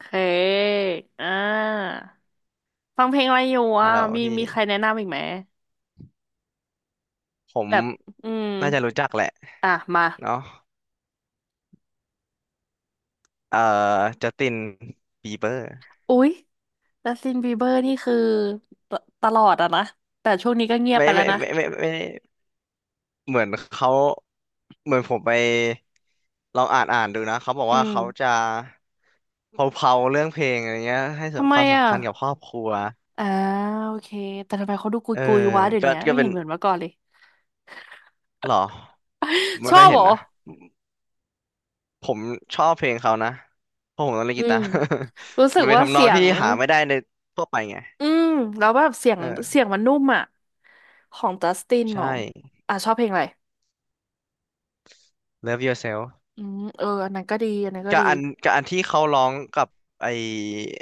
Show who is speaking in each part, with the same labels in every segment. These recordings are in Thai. Speaker 1: เคอ่าฟังเพลงอะไรอยู่
Speaker 2: ฮั
Speaker 1: อ่ะ
Speaker 2: ลโหล
Speaker 1: มี
Speaker 2: พี่
Speaker 1: มีใครแนะนำอีกไหม
Speaker 2: ผม
Speaker 1: แบบอืม
Speaker 2: น่าจะรู้จักแหละ
Speaker 1: อ่ะมา
Speaker 2: เนาะเอ่อจัสตินบีเบอร์
Speaker 1: อุ๊ยจัสตินบีเบอร์นี่คือตตลอดอะนะแต่ช่วงนี้ก็เงียบ
Speaker 2: ไม่
Speaker 1: ไปแล้ว
Speaker 2: ไม่
Speaker 1: นะ
Speaker 2: ไม่ไม่ไม่ไม่เหมือนเขาเหมือนผมไปลองอ่านดูนะเขาบอก
Speaker 1: อื
Speaker 2: ว่า
Speaker 1: ม
Speaker 2: เขาจะเผาๆเรื่องเพลงอะไรเงี้ยให้
Speaker 1: ทำไม
Speaker 2: ความ
Speaker 1: อ่ะ
Speaker 2: สำคัญกับครอบครัว
Speaker 1: อ่าโอเคแต่ทำไมเขาดูกุย
Speaker 2: เออ
Speaker 1: กุยวะเดี๋ยว
Speaker 2: ก็
Speaker 1: นี้
Speaker 2: ก็
Speaker 1: ไม่
Speaker 2: เป็
Speaker 1: เห็
Speaker 2: น
Speaker 1: นเหมือนเมื่อก่อนเลย
Speaker 2: หรอ ไม่
Speaker 1: ชอ
Speaker 2: ค่อย
Speaker 1: บ
Speaker 2: เห็
Speaker 1: เหร
Speaker 2: น
Speaker 1: อ
Speaker 2: นะผมชอบเพลงเขานะเพราะผมต้องเล่น
Speaker 1: อื
Speaker 2: กีตา
Speaker 1: ม
Speaker 2: ร์
Speaker 1: รู้ สึ
Speaker 2: มั
Speaker 1: ก
Speaker 2: นเป็น
Speaker 1: ว่า
Speaker 2: ทำนอ
Speaker 1: เสี
Speaker 2: ง
Speaker 1: ย
Speaker 2: ที่
Speaker 1: ง
Speaker 2: หาไม่ได้ในทั่วไปไง
Speaker 1: อืมแล้วแบบเสียง
Speaker 2: เออ
Speaker 1: เสียงมันนุ่มอ่ะของจัสตินเหรอ
Speaker 2: ใช่
Speaker 1: อ่ะชอบเพลงอะไร
Speaker 2: Love Yourself
Speaker 1: อืมเอออันนั้นก็ดีอันนั้นก็
Speaker 2: กับ
Speaker 1: ดี
Speaker 2: อันที่เขาร้องกับไอ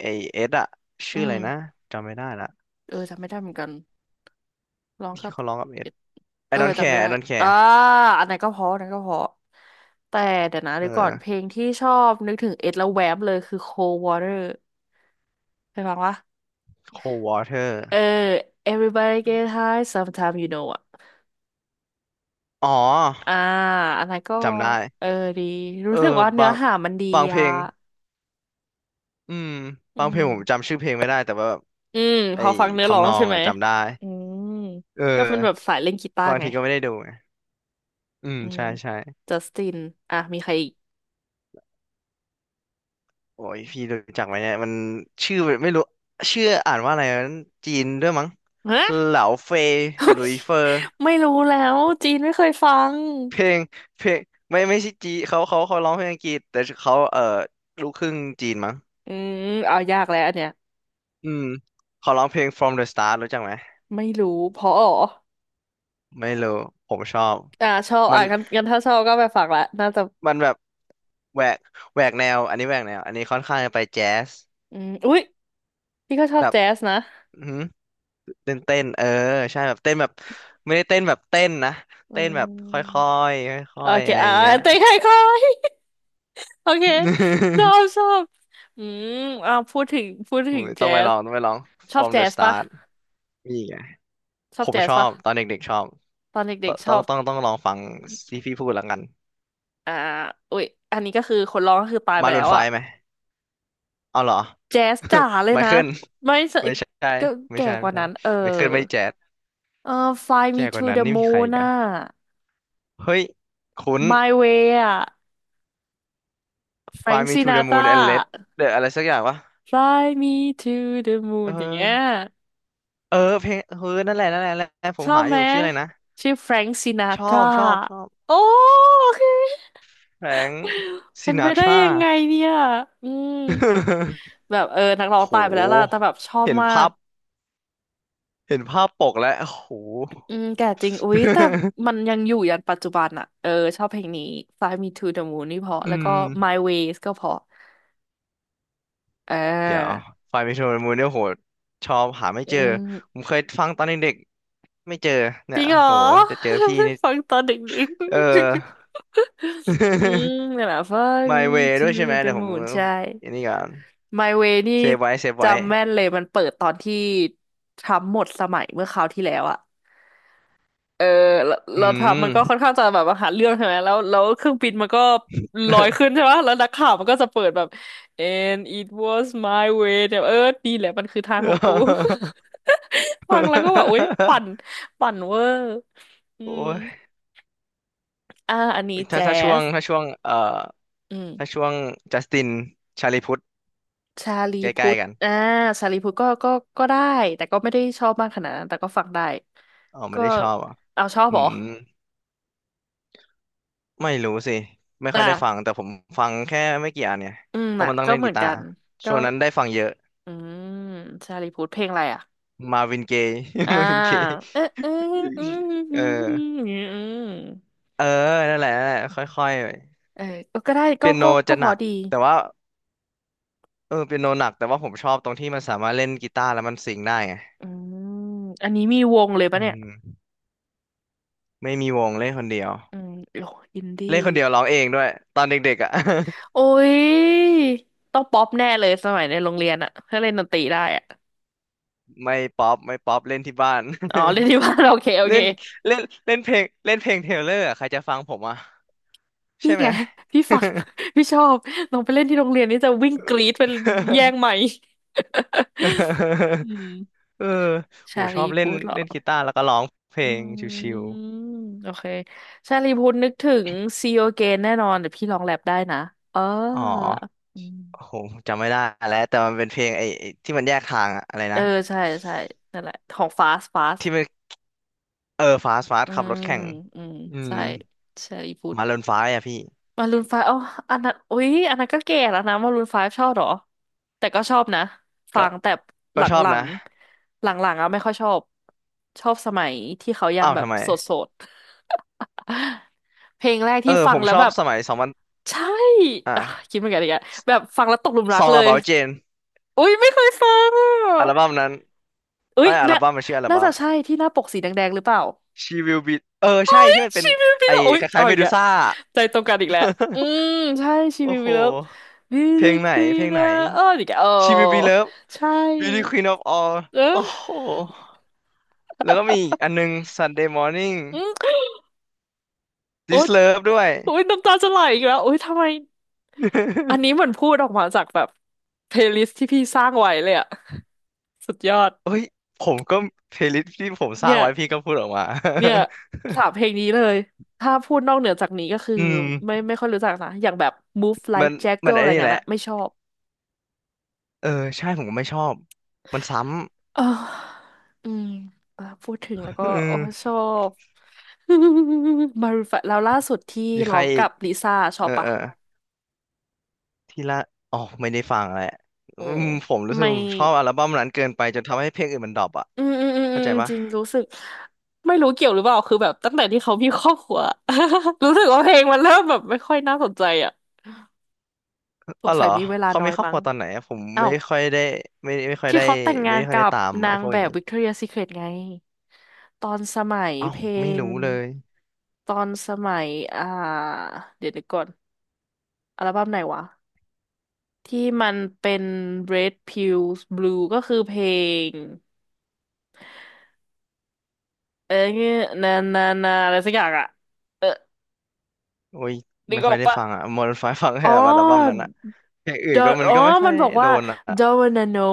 Speaker 2: ไอเอสอะ
Speaker 1: อื
Speaker 2: ชื่ออะไร
Speaker 1: ม
Speaker 2: นะจำไม่ได้ละ
Speaker 1: เออจำไม่ได้เหมือนกันร้องค
Speaker 2: ที่
Speaker 1: รับ
Speaker 2: เขาร้องกับเอ
Speaker 1: เอ
Speaker 2: ส I
Speaker 1: เออ
Speaker 2: don't
Speaker 1: จำไม่
Speaker 2: care
Speaker 1: ได้
Speaker 2: I don't
Speaker 1: อ่า
Speaker 2: care
Speaker 1: อันนั้นก็เพออันนั้นก็เพอแต่เดี๋ยวนะ
Speaker 2: เอ
Speaker 1: เดี๋ยวก่อน
Speaker 2: อ
Speaker 1: เพลงที่ชอบนึกถึงเอ็ดแล้วแวบเลยคือ Cold Water เคยฟังวะ
Speaker 2: Cold
Speaker 1: เออ
Speaker 2: Water
Speaker 1: Everybody Get High Sometime You Know อ่ะ
Speaker 2: อ๋อ
Speaker 1: อ่าอันนั้นก็
Speaker 2: จำได้
Speaker 1: เออดี
Speaker 2: เอ
Speaker 1: รู้
Speaker 2: อ
Speaker 1: สึกว่าเนื้
Speaker 2: บา
Speaker 1: อ
Speaker 2: ง
Speaker 1: หามันดี
Speaker 2: เพล
Speaker 1: อ่ะ
Speaker 2: งอืม
Speaker 1: อื
Speaker 2: บางเพลงผม
Speaker 1: ม
Speaker 2: จำชื่อเพลงไม่ได้แต่ว่าแบบ
Speaker 1: อืม
Speaker 2: ไอ
Speaker 1: พอฟังเนื้อร้อ
Speaker 2: ทำน
Speaker 1: ง
Speaker 2: อ
Speaker 1: ใช่
Speaker 2: ง
Speaker 1: ไหม
Speaker 2: อะจำได้
Speaker 1: อืม
Speaker 2: เออ
Speaker 1: ก็เป็นแบบสายเล่นกีตาร์
Speaker 2: บาง
Speaker 1: ไง
Speaker 2: ทีก็ไม่ได้ดูไงอืม
Speaker 1: อืม
Speaker 2: ใช่ใช่
Speaker 1: จัสติน อ่ะมีใครอีก
Speaker 2: โอ้ยพี่รู้จักไหมเนี่ยมันชื่อไม่รู้ชื่ออ่านว่าอะไรนะจีนด้วยมั้ง
Speaker 1: ฮะ
Speaker 2: เหลาเฟยหลุยเฟอ
Speaker 1: ไม่รู้แล้วจีนไม่เคยฟัง
Speaker 2: เพลงเพลงไม่ใช่จีเขาร้องเพลงอังกฤษแต่เขาลูกครึ่งจีนมั้ง
Speaker 1: อืมเอายากแล้วอันเนี้ย
Speaker 2: อืมเขาร้องเพลง From the Start รู้จักไหม
Speaker 1: ไม่รู้ เพราะอ๋อ
Speaker 2: ไม่รู้ผมชอบ
Speaker 1: ชอบ
Speaker 2: มั
Speaker 1: อ่ะ
Speaker 2: น
Speaker 1: งั้นงั้นถ้าชอบก็ไปฟังละน่าจะ
Speaker 2: มันแบบแหวกแหวกแนวอันนี้ค่อนข้างจะไปแจ๊ส
Speaker 1: อืมอุ๊ยพี่ก็ชอ
Speaker 2: แบ
Speaker 1: บ
Speaker 2: บ
Speaker 1: แจ๊สนะ
Speaker 2: อื้อหือเต้นเออใช่แบบเต้นแบบไม่ได้เต้นแบบเต้นนะ
Speaker 1: อื
Speaker 2: เต้นแบ
Speaker 1: ม
Speaker 2: บค่อยๆค่
Speaker 1: โอ
Speaker 2: อยๆ
Speaker 1: เค
Speaker 2: อะไรอย่างเงี้ย
Speaker 1: เต้ใครคอย โอเคชอบช อบ อืมพูดถึง พูด
Speaker 2: โอ้
Speaker 1: ถึง
Speaker 2: ย
Speaker 1: แจ๊ส
Speaker 2: ต้องไปลอง
Speaker 1: ชอบ
Speaker 2: From
Speaker 1: แจ๊
Speaker 2: the
Speaker 1: สปะ
Speaker 2: Start นี่ไง
Speaker 1: ชอ
Speaker 2: ผ
Speaker 1: บ
Speaker 2: ม
Speaker 1: แจ๊
Speaker 2: ช
Speaker 1: ส
Speaker 2: อ
Speaker 1: ปะ
Speaker 2: บตอนเด็กๆชอบ
Speaker 1: ตอน
Speaker 2: ต
Speaker 1: เด็กๆช
Speaker 2: ต้อ
Speaker 1: อ
Speaker 2: ง
Speaker 1: บ
Speaker 2: ต้องต้องลองฟังที่พี่พูดแล้วกัน
Speaker 1: อ่าอุ๊ยอันนี้ก็คือคนร้องก็คือตายไป
Speaker 2: มารู
Speaker 1: แล้
Speaker 2: น
Speaker 1: ว
Speaker 2: ไฟ
Speaker 1: อ่ะ
Speaker 2: ไหมเอาเหรอ
Speaker 1: แจ๊สจ๋าเล ย
Speaker 2: ไม
Speaker 1: นะ
Speaker 2: เคิล
Speaker 1: ไม่ใช่
Speaker 2: ไม่ใช่
Speaker 1: ก็แก่ก
Speaker 2: ไม่
Speaker 1: ว่า
Speaker 2: ใช่
Speaker 1: นั้นเออ
Speaker 2: ไมเคิลไม่แจ๊ด
Speaker 1: เออ Fly Me
Speaker 2: แก่ก
Speaker 1: to
Speaker 2: ว่านั้น
Speaker 1: the
Speaker 2: นี่มีใคร
Speaker 1: Moon
Speaker 2: อีก
Speaker 1: น่ะ
Speaker 2: อะเฮ้ยคุ้น
Speaker 1: My Way อ่ะ
Speaker 2: Fly
Speaker 1: Frank
Speaker 2: Me to the Moon and Let
Speaker 1: Sinatra
Speaker 2: เดอะอะไรสักอย่างวะ
Speaker 1: Fly Me to the
Speaker 2: เอ
Speaker 1: Moon อย่างเงี้ย
Speaker 2: อเออเพลงเออนั่นแหละผ
Speaker 1: ช
Speaker 2: ม
Speaker 1: อบ
Speaker 2: หาอ
Speaker 1: ไหม
Speaker 2: ยู่ชื่ออะไรนะ
Speaker 1: ชื่อ Frank Sinatra
Speaker 2: ชอบ
Speaker 1: โอ้โอเค
Speaker 2: แฟรงค์ซิ
Speaker 1: มันไป
Speaker 2: นาท
Speaker 1: ได้
Speaker 2: รา
Speaker 1: ยังไงเนี่ยอืม แบบเออนักร้อง
Speaker 2: โ
Speaker 1: ตายไปแล้วล่ะ
Speaker 2: ห
Speaker 1: แต่แบบชอบ
Speaker 2: เห็น
Speaker 1: มา
Speaker 2: ภา
Speaker 1: ก
Speaker 2: พเห็นภาพปกแล้วโห
Speaker 1: อืมแก่จริงอุ๊ยแต่ มันยังอยู่ยันปัจจุบันอะเออชอบเพลงนี้ Fly Me to the Moon นี่เพราะ
Speaker 2: อื
Speaker 1: แล้วก็
Speaker 2: ม
Speaker 1: My Ways ก็เพราะเ
Speaker 2: เดี๋ยว
Speaker 1: ออ
Speaker 2: ไฟล์มิโมูนเนี่ยโหชอบหาไม่
Speaker 1: อื
Speaker 2: เจอ ผ
Speaker 1: ม
Speaker 2: มเคยฟังตอนเด็กๆไม่เจอ
Speaker 1: จ
Speaker 2: เนี่ย
Speaker 1: ริงเหรอ
Speaker 2: โหจะเจอพี่นี่
Speaker 1: ฟังตอนเด็ก
Speaker 2: เอ
Speaker 1: ๆ
Speaker 2: อ
Speaker 1: อืม นั่นแหละ Fly
Speaker 2: My
Speaker 1: Me
Speaker 2: Way ด้
Speaker 1: to
Speaker 2: วยใช่ไหม
Speaker 1: the
Speaker 2: เดี๋ยวผม
Speaker 1: Moon ใช่
Speaker 2: อันนี้ก่อน
Speaker 1: My Way นี่
Speaker 2: เซฟไว้
Speaker 1: จำแม่นเลยมันเปิดตอนที่ทรัมป์หมดสมัยเมื่อคราวที่แล้วอะ เออเรา
Speaker 2: อื
Speaker 1: เราทำมันก็ค่อน
Speaker 2: ม
Speaker 1: ข้างจะแบบว่าหาเรื่องใช่ไหมแล้วเครื่องบินมันก็ลอยขึ้น ใช่ไหมแล้วนักข่าวมันก็จะเปิดแบบ and it was my way เนี่ยเออดีแหละมันคือทางของกู ฟังแล้วก็แบบโอ๊ยปั่นเวอร์อื
Speaker 2: โอ้
Speaker 1: ม
Speaker 2: ย
Speaker 1: อันนี้แจ๊ส
Speaker 2: ถ้าช่วง
Speaker 1: อืม
Speaker 2: ถ้าช่วงจัสตินชาลีพุทธ
Speaker 1: ชาลี
Speaker 2: ใก
Speaker 1: พุ
Speaker 2: ล้
Speaker 1: ทธ
Speaker 2: ๆกัน
Speaker 1: อ่าชาลีพุทธก็ได้แต่ก็ไม่ได้ชอบมากขนาดนั้นแต่ก็ฟังได้
Speaker 2: อ๋อไม่
Speaker 1: ก็
Speaker 2: ได้ชอบอ่ะ
Speaker 1: เอาชอบ
Speaker 2: อื
Speaker 1: เหรอ
Speaker 2: ม ไม่รู้สิไม่ค่อยได้ฟัง
Speaker 1: อ่า
Speaker 2: แต่ผมฟังแค่ไม่กี่อันเนี่ย
Speaker 1: อืม
Speaker 2: เพราะ
Speaker 1: อ่ะ
Speaker 2: มันต้อง
Speaker 1: ก็
Speaker 2: เล่น
Speaker 1: เหมื
Speaker 2: กี
Speaker 1: อน
Speaker 2: ตา
Speaker 1: กั
Speaker 2: ร์
Speaker 1: นก็
Speaker 2: ช่วงนั้นได้ฟังเยอะ
Speaker 1: อืมชาลีพูดเพลงอะไรอ่ะ
Speaker 2: มาวิน เกย์
Speaker 1: อ่า
Speaker 2: มาวินเกย์
Speaker 1: เออเอออืมอื
Speaker 2: เอ
Speaker 1: มอืม
Speaker 2: อ
Speaker 1: อืม
Speaker 2: เออนั่นแหละค่อย
Speaker 1: เออก็ได้
Speaker 2: ๆ
Speaker 1: ก็
Speaker 2: เปียโน
Speaker 1: ก็ก็
Speaker 2: จะ
Speaker 1: พ
Speaker 2: หนั
Speaker 1: อ
Speaker 2: ก
Speaker 1: ดี
Speaker 2: แต่ว่าเออเปียโนหนักแต่ว่าผมชอบตรงที่มันสามารถเล่นกีตาร์แล้วมันซิงค์ได้ไง
Speaker 1: อืมอันนี้มีวงเลย
Speaker 2: อื
Speaker 1: ปะเนี่ย
Speaker 2: มไม่มีวงเล่นคนเดียว
Speaker 1: อืมโอ้อินดี้
Speaker 2: เล่นคนเดียวร้องเองด้วยตอนเด็กๆอ่ะ
Speaker 1: โอ้ยต้องป๊อปแน่เลยสมัยในโรงเรียนอะถ้าเล่นดนตรีได้อะ
Speaker 2: ไม่ป๊อปเล่นที่บ้าน
Speaker 1: อ๋อเล่น ที่บ้าน โอเคโอ
Speaker 2: เล่
Speaker 1: เค
Speaker 2: นเล่นเล่นเพลงเทเลอร์อะใครจะฟังผมอ่ะ
Speaker 1: พี่
Speaker 2: ใช่ไหม
Speaker 1: ไงพี่ฟัง พี่ชอบลองไปเล่นที่โรงเรียนนี่จะวิ่งกรี๊ดเป็นแย่งไมค์ อืม
Speaker 2: เออผม
Speaker 1: ชา
Speaker 2: ชอ
Speaker 1: ลี
Speaker 2: บเล่น
Speaker 1: พูดเหรอ
Speaker 2: เล่นกีตาร์แล้วก็ร้องเพล
Speaker 1: อื
Speaker 2: งชิว
Speaker 1: มโอเคชาลีพุทธนึกถึง See You Again แน่นอนเดี๋ยวพี่ลองแรปได้นะเออ
Speaker 2: ๆอ๋อ
Speaker 1: อื
Speaker 2: โอ้โห
Speaker 1: ม
Speaker 2: จำไม่ได้แล้วแต่มันเป็นเพลงไอ้ที่มันแยกทางอะอะไร
Speaker 1: เอ
Speaker 2: นะ
Speaker 1: อใช่ใช่นั่นแหละของ Fast Fast
Speaker 2: ที่มันเออฟาส
Speaker 1: อื
Speaker 2: ขับรถ
Speaker 1: ม
Speaker 2: แข่ง
Speaker 1: อืม
Speaker 2: อืม
Speaker 1: ใช่ชาลีพุทธ
Speaker 2: มาเรนฟ้าอ่ะพี่
Speaker 1: มารูนไฟอ๋ออันนั้นอุ๊ยอันนั้นก็แก่แล้วนะมารูนไฟชอบเหรอแต่ก็ชอบนะฟั
Speaker 2: ก็
Speaker 1: งแต่ห
Speaker 2: ก็
Speaker 1: ล
Speaker 2: ชอบ
Speaker 1: ั
Speaker 2: นะ
Speaker 1: งๆหลังๆอ่ะไม่ค่อยชอบชอบสมัยที่เขายัง
Speaker 2: อ้าว
Speaker 1: แบบ
Speaker 2: ทำไม
Speaker 1: โสดๆ เพลงแรก
Speaker 2: เออ
Speaker 1: ที่ฟั
Speaker 2: ผ
Speaker 1: ง
Speaker 2: ม
Speaker 1: แล้
Speaker 2: ช
Speaker 1: ว
Speaker 2: อบ
Speaker 1: แบบ
Speaker 2: สมัยสองพัน
Speaker 1: ใช่
Speaker 2: อ่ะ
Speaker 1: อ่ะคิดเหมือนกันอีกอะแบบฟังแล้วตกหลุมรักเล
Speaker 2: Song
Speaker 1: ย
Speaker 2: About Jane
Speaker 1: อุ้ยไม่เคยฟัง
Speaker 2: อัลบั้
Speaker 1: อ่ะ
Speaker 2: มนั้น
Speaker 1: อุ้
Speaker 2: ไอ้
Speaker 1: ย
Speaker 2: ยอัล
Speaker 1: น่า
Speaker 2: บั้มมันชื่ออัล
Speaker 1: น่า
Speaker 2: บั้
Speaker 1: จะ
Speaker 2: ม
Speaker 1: ใช่ที่หน้าปกสีแดงๆหรือเปล่า
Speaker 2: She Will Be เออใช่ที่มันเป็น
Speaker 1: ชีวิตวิล
Speaker 2: ไอ้
Speaker 1: เลอร์อุ้ย
Speaker 2: คล้า
Speaker 1: เอา
Speaker 2: ยๆเม
Speaker 1: อีก
Speaker 2: ดู
Speaker 1: แล้ว
Speaker 2: ซ่า
Speaker 1: ใจตรงกันอีกแล้วอื มใช่ชี
Speaker 2: โอ้
Speaker 1: วิต
Speaker 2: โห
Speaker 1: วิลเลอร์ Beauty
Speaker 2: เพ
Speaker 1: Queen
Speaker 2: ลงไหน
Speaker 1: อ่ะอ้ออีกแล้วโอ้
Speaker 2: She Will Be Loved
Speaker 1: ใช
Speaker 2: Beauty
Speaker 1: ่
Speaker 2: Queen of All
Speaker 1: เอ
Speaker 2: โอ้
Speaker 1: อ
Speaker 2: โห แล้วก็มีอีกอันนึง Sunday Morning
Speaker 1: อืมโอ๊
Speaker 2: This
Speaker 1: ย
Speaker 2: Love ด้วย
Speaker 1: โอ๊ยน้ำตาจะไหลอีกแล้วโอ๊ยทำไม อัน นี้เหมือนพูดออกมาจากแบบเพลย์ลิสต์ที่พี่สร้างไว้เลยอะสุดยอด
Speaker 2: เอ้ย ผมก็เพลย์ลิสต์ที่ผมสร้า
Speaker 1: เนี่
Speaker 2: ง
Speaker 1: ย
Speaker 2: ไว้พี่ก็พูดออกมา
Speaker 1: เนี่ยสามเพล งนี้เลยถ้าพูดนอกเหนือจากนี้ก็คือ
Speaker 2: อื
Speaker 1: ไม่
Speaker 2: ม
Speaker 1: ไม่ค่อยรู้จักนะอย่างแบบ Move
Speaker 2: มั
Speaker 1: Like
Speaker 2: นมัน
Speaker 1: Jagger อะ
Speaker 2: ไอ้
Speaker 1: ไร
Speaker 2: นี่แห
Speaker 1: เงี้ย
Speaker 2: ละ
Speaker 1: นะไม่ชอบ
Speaker 2: เออ ใช่ผมก็ไม่ชอบ มันซ้
Speaker 1: เอออืมอ่ะพูดถึงแล้ว
Speaker 2: ำ
Speaker 1: ก็
Speaker 2: อื
Speaker 1: โอ้
Speaker 2: ม
Speaker 1: ชอบ มารูนไฟว์แล้วล่าสุดที่
Speaker 2: มีใค
Speaker 1: ร้
Speaker 2: ร
Speaker 1: อง
Speaker 2: อี
Speaker 1: กั
Speaker 2: ก
Speaker 1: บลิซ่าชอ
Speaker 2: เอ
Speaker 1: บ
Speaker 2: อเอ
Speaker 1: ปะ
Speaker 2: อ ที่ละอ๋อไม่ได้ฟังแหละ
Speaker 1: อื
Speaker 2: อื
Speaker 1: ม
Speaker 2: มผมรู้สึก
Speaker 1: ไม่
Speaker 2: ผมชอบอัลบั้มนั้นเกินไปจนทำให้เพลงอื่นมันดรอปอ่ะ
Speaker 1: อืมอืมอืมอื
Speaker 2: เข้า
Speaker 1: ม
Speaker 2: ใจปะ
Speaker 1: จริงรู้สึกไม่รู้เกี่ยวหรือเปล่าคือแบบตั้งแต่ที่เขามีครอบครัว รู้สึกว่าเพลงมันเริ่มแบบไม่ค่อยน่าสนใจอ่ะส
Speaker 2: อ๋อ
Speaker 1: ง
Speaker 2: เหร
Speaker 1: สั
Speaker 2: อ
Speaker 1: ยมีเวลา
Speaker 2: เขา
Speaker 1: น้
Speaker 2: มี
Speaker 1: อย
Speaker 2: ครอบค
Speaker 1: มั้
Speaker 2: รั
Speaker 1: ง
Speaker 2: วตอนไหนอะผม
Speaker 1: อ้า
Speaker 2: ไม่
Speaker 1: ว
Speaker 2: ค่อยได้ไม่ไม่ค่อย
Speaker 1: ที่
Speaker 2: ได้
Speaker 1: เขาแต่ง
Speaker 2: ไม่
Speaker 1: งาน
Speaker 2: ค่อย
Speaker 1: กั
Speaker 2: ได้
Speaker 1: บ
Speaker 2: ตาม
Speaker 1: นา
Speaker 2: ไอ้
Speaker 1: ง
Speaker 2: พวก
Speaker 1: แบ
Speaker 2: อย่าง
Speaker 1: บ
Speaker 2: นี้
Speaker 1: วิกตอเรียซีเครตไงตอนสมัย
Speaker 2: เอ้า
Speaker 1: เพล
Speaker 2: ไม่
Speaker 1: ง
Speaker 2: รู้เลย
Speaker 1: ตอนสมัยอ่าเดี๋ยวนึกก่อนอัลบั้มไหนวะที่มันเป็น Red Pills Blue ก็คือเพลงเอ้ยนานานาอะไรสักอย่างอะเออ
Speaker 2: โอ้ย
Speaker 1: นึ
Speaker 2: ไม่
Speaker 1: กอ
Speaker 2: ค่อ
Speaker 1: อ
Speaker 2: ย
Speaker 1: ก
Speaker 2: ได้
Speaker 1: ปะ
Speaker 2: ฟังอ่ะมอร์ไฟฟังแค่
Speaker 1: อ๋อ
Speaker 2: แบบอัลบั้มนั้นอะอย่างอื่
Speaker 1: d
Speaker 2: น
Speaker 1: o
Speaker 2: ก็
Speaker 1: n
Speaker 2: มัน
Speaker 1: อ๋อ
Speaker 2: ก็ไม่ค่อ
Speaker 1: มัน
Speaker 2: ย
Speaker 1: บอก
Speaker 2: โด
Speaker 1: ว่า
Speaker 2: นอะ
Speaker 1: Don't wanna know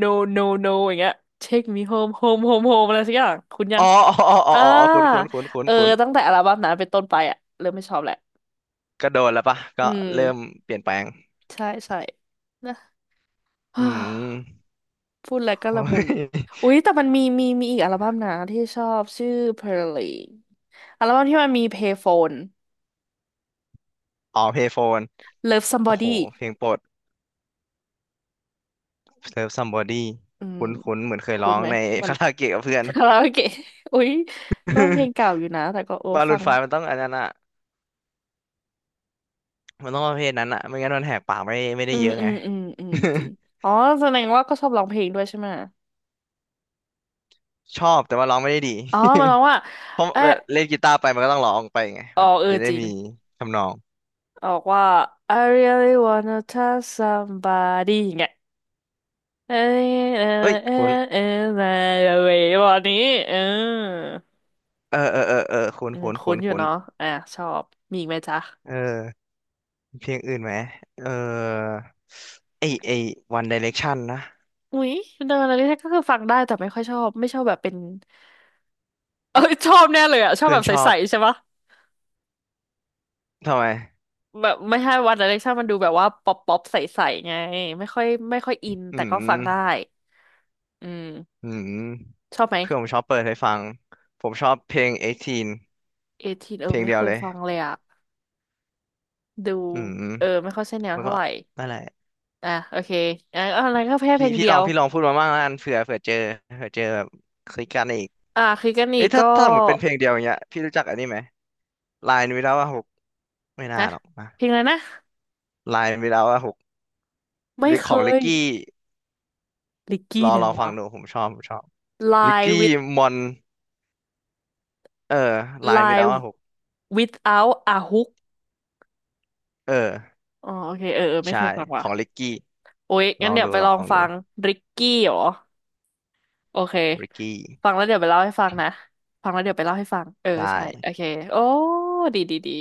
Speaker 1: no no no อย่างเงี้ย Take me home home home home อะไรสักอย่างคุณยังอ่า
Speaker 2: อ๋อคุ้นคุ้นคุ้นคุ้น
Speaker 1: เออ
Speaker 2: คุ้น
Speaker 1: ตั้งแต่อัลบั้มนั้นเป็นต้นไปอะเริ่มไม่ชอบแหละ
Speaker 2: ก็โดนแล้วปะก็
Speaker 1: อืม
Speaker 2: เริ่มเปลี่ยนแปลง
Speaker 1: ใช่ใช่นะ
Speaker 2: อื ม
Speaker 1: พูดแล้วก็
Speaker 2: โอ้
Speaker 1: ละมุน
Speaker 2: ย
Speaker 1: อุ๊ย แต่มันมีอีกอัลบั้มนะที่ชอบชื่อ Pearly อัลบั้มที่มันมี Payphone
Speaker 2: อ๋อเพย์โฟน
Speaker 1: Love
Speaker 2: โอ้โห
Speaker 1: Somebody
Speaker 2: เพลงโปรด Serve Somebody
Speaker 1: อืม
Speaker 2: คุ้นคุ้นเหมือนเคย
Speaker 1: คุ้
Speaker 2: ร้อ
Speaker 1: น
Speaker 2: ง
Speaker 1: ไหม
Speaker 2: ใน
Speaker 1: มั น
Speaker 2: คาราโอเกะกับเพื่อ น
Speaker 1: คาราโอเกะ อุ๊ยก็เพลงเก่าอยู่นะแต่ก็โอ้
Speaker 2: บาลู
Speaker 1: ฟั
Speaker 2: น
Speaker 1: ง
Speaker 2: ไฟมันต้องอันนั้นอะ มันต้องประเภทนั้นอะไม่งั้นมันแหกปากไม่ได้
Speaker 1: อื
Speaker 2: เย
Speaker 1: ม
Speaker 2: อะ
Speaker 1: อื
Speaker 2: ไง
Speaker 1: มอืมอืมจริงอ๋อแสดงว่าก็ชอบร้องเพลงด้วยใช่ไหม
Speaker 2: ชอบแต่ว่าร้องไม่ได้ดี
Speaker 1: อ๋อมันร้องว่า
Speaker 2: เพราะ
Speaker 1: เออ
Speaker 2: เวลาเล่นกีตาร์ไปมันก็ต้องร้องไปไง
Speaker 1: อ๋อ
Speaker 2: มัน
Speaker 1: เออ
Speaker 2: จะได้
Speaker 1: จริง
Speaker 2: มีทำนอง
Speaker 1: ออกว่า I really wanna touch somebody อย่างเงี้ยเออเออ
Speaker 2: เอ้ย
Speaker 1: เออ
Speaker 2: คุณ
Speaker 1: เออเออเออวันนี้เออ
Speaker 2: เออคุณ
Speaker 1: อืมคุ้นอยู่เนาะอ่ะชอบมีอีกไหมจ๊ะ
Speaker 2: เออมีเพลงอื่นไหมเออไอไอ One Direction นะ
Speaker 1: อุ๊ยเดินอะไรที่ก็คือฟังได้แต่ไม่ค่อยชอบไม่ชอบแบบเป็น เออชอบแน่เลยอ่ะชอบ
Speaker 2: เพื่อ
Speaker 1: แบ
Speaker 2: น
Speaker 1: บ
Speaker 2: ชอ
Speaker 1: ใส
Speaker 2: บ
Speaker 1: ๆใช่ปะ
Speaker 2: ทำไม
Speaker 1: แบบไม่ใช่วันอะไรชอบมันดูแบบว่าป๊อปป๊อปใสๆไงไม่ค่อยอิน
Speaker 2: อื
Speaker 1: แต่ก็ฟังได้
Speaker 2: ม
Speaker 1: อืม
Speaker 2: อืม
Speaker 1: ชอบไหม
Speaker 2: เพื่อนผมชอบเปิดให้ฟังผมชอบเพลง18
Speaker 1: เอทีนเอ
Speaker 2: เพ
Speaker 1: อ
Speaker 2: ลง
Speaker 1: ไม่
Speaker 2: เดีย
Speaker 1: เค
Speaker 2: ว
Speaker 1: ย
Speaker 2: เลย
Speaker 1: ฟังเลยอ่ะดู
Speaker 2: อืม
Speaker 1: เออไม่ค่อยใช่แนว
Speaker 2: แล้ว
Speaker 1: เท่า
Speaker 2: ก็
Speaker 1: ไหร่
Speaker 2: นั่นแหละ
Speaker 1: อ่ะโอเคอ่ะอะไรก็แค่เพ
Speaker 2: พี่
Speaker 1: ลง
Speaker 2: พี่
Speaker 1: เดี
Speaker 2: ล
Speaker 1: ย
Speaker 2: อง
Speaker 1: ว
Speaker 2: พี่ลองพูดมาบ้างแล้วกันเผื่อเจอเผื่อเจอแบบคลิกกันอีก
Speaker 1: อ่ะคือกันอี
Speaker 2: เอ้
Speaker 1: ก
Speaker 2: ยถ้า
Speaker 1: ก็
Speaker 2: ถ้าเหมือนเป็นเพลงเดียวอย่างเงี้ยพี่รู้จักอันนี้ไหมลายวิลาว่าหกไม่น่า
Speaker 1: ฮะ
Speaker 2: หรอกนะ
Speaker 1: เพลงอะไรนะ
Speaker 2: ลายวิลาว่าหกห
Speaker 1: ไม่
Speaker 2: รือ
Speaker 1: เค
Speaker 2: ของลิก
Speaker 1: ย
Speaker 2: กี้
Speaker 1: ลิกกี้ไหน
Speaker 2: รอฟั
Speaker 1: วะ
Speaker 2: งดูผมชอบลิก
Speaker 1: Lie
Speaker 2: กี้
Speaker 1: with
Speaker 2: มอนเออลายวิลา
Speaker 1: Lie
Speaker 2: ว่าหก
Speaker 1: without a hook
Speaker 2: เออ
Speaker 1: อ๋อโอเคเออเออไม่
Speaker 2: ใช่
Speaker 1: เคยฟัง
Speaker 2: ข
Speaker 1: ว่ะ
Speaker 2: องลิกกี้
Speaker 1: โอ้ยงั้นเดี๋ยวไป
Speaker 2: ล
Speaker 1: ล
Speaker 2: อ
Speaker 1: อง
Speaker 2: ง
Speaker 1: ฟั
Speaker 2: ดู
Speaker 1: งริกกี้เหรอ โอเค
Speaker 2: ลิกกี้
Speaker 1: ฟังแล้วเดี๋ยวไปเล่าให้ฟังนะ ฟังแล้วเดี๋ยวไปเล่าให้ฟัง เออ
Speaker 2: ได้
Speaker 1: ใช่ โอเค โอ้ดีดีดี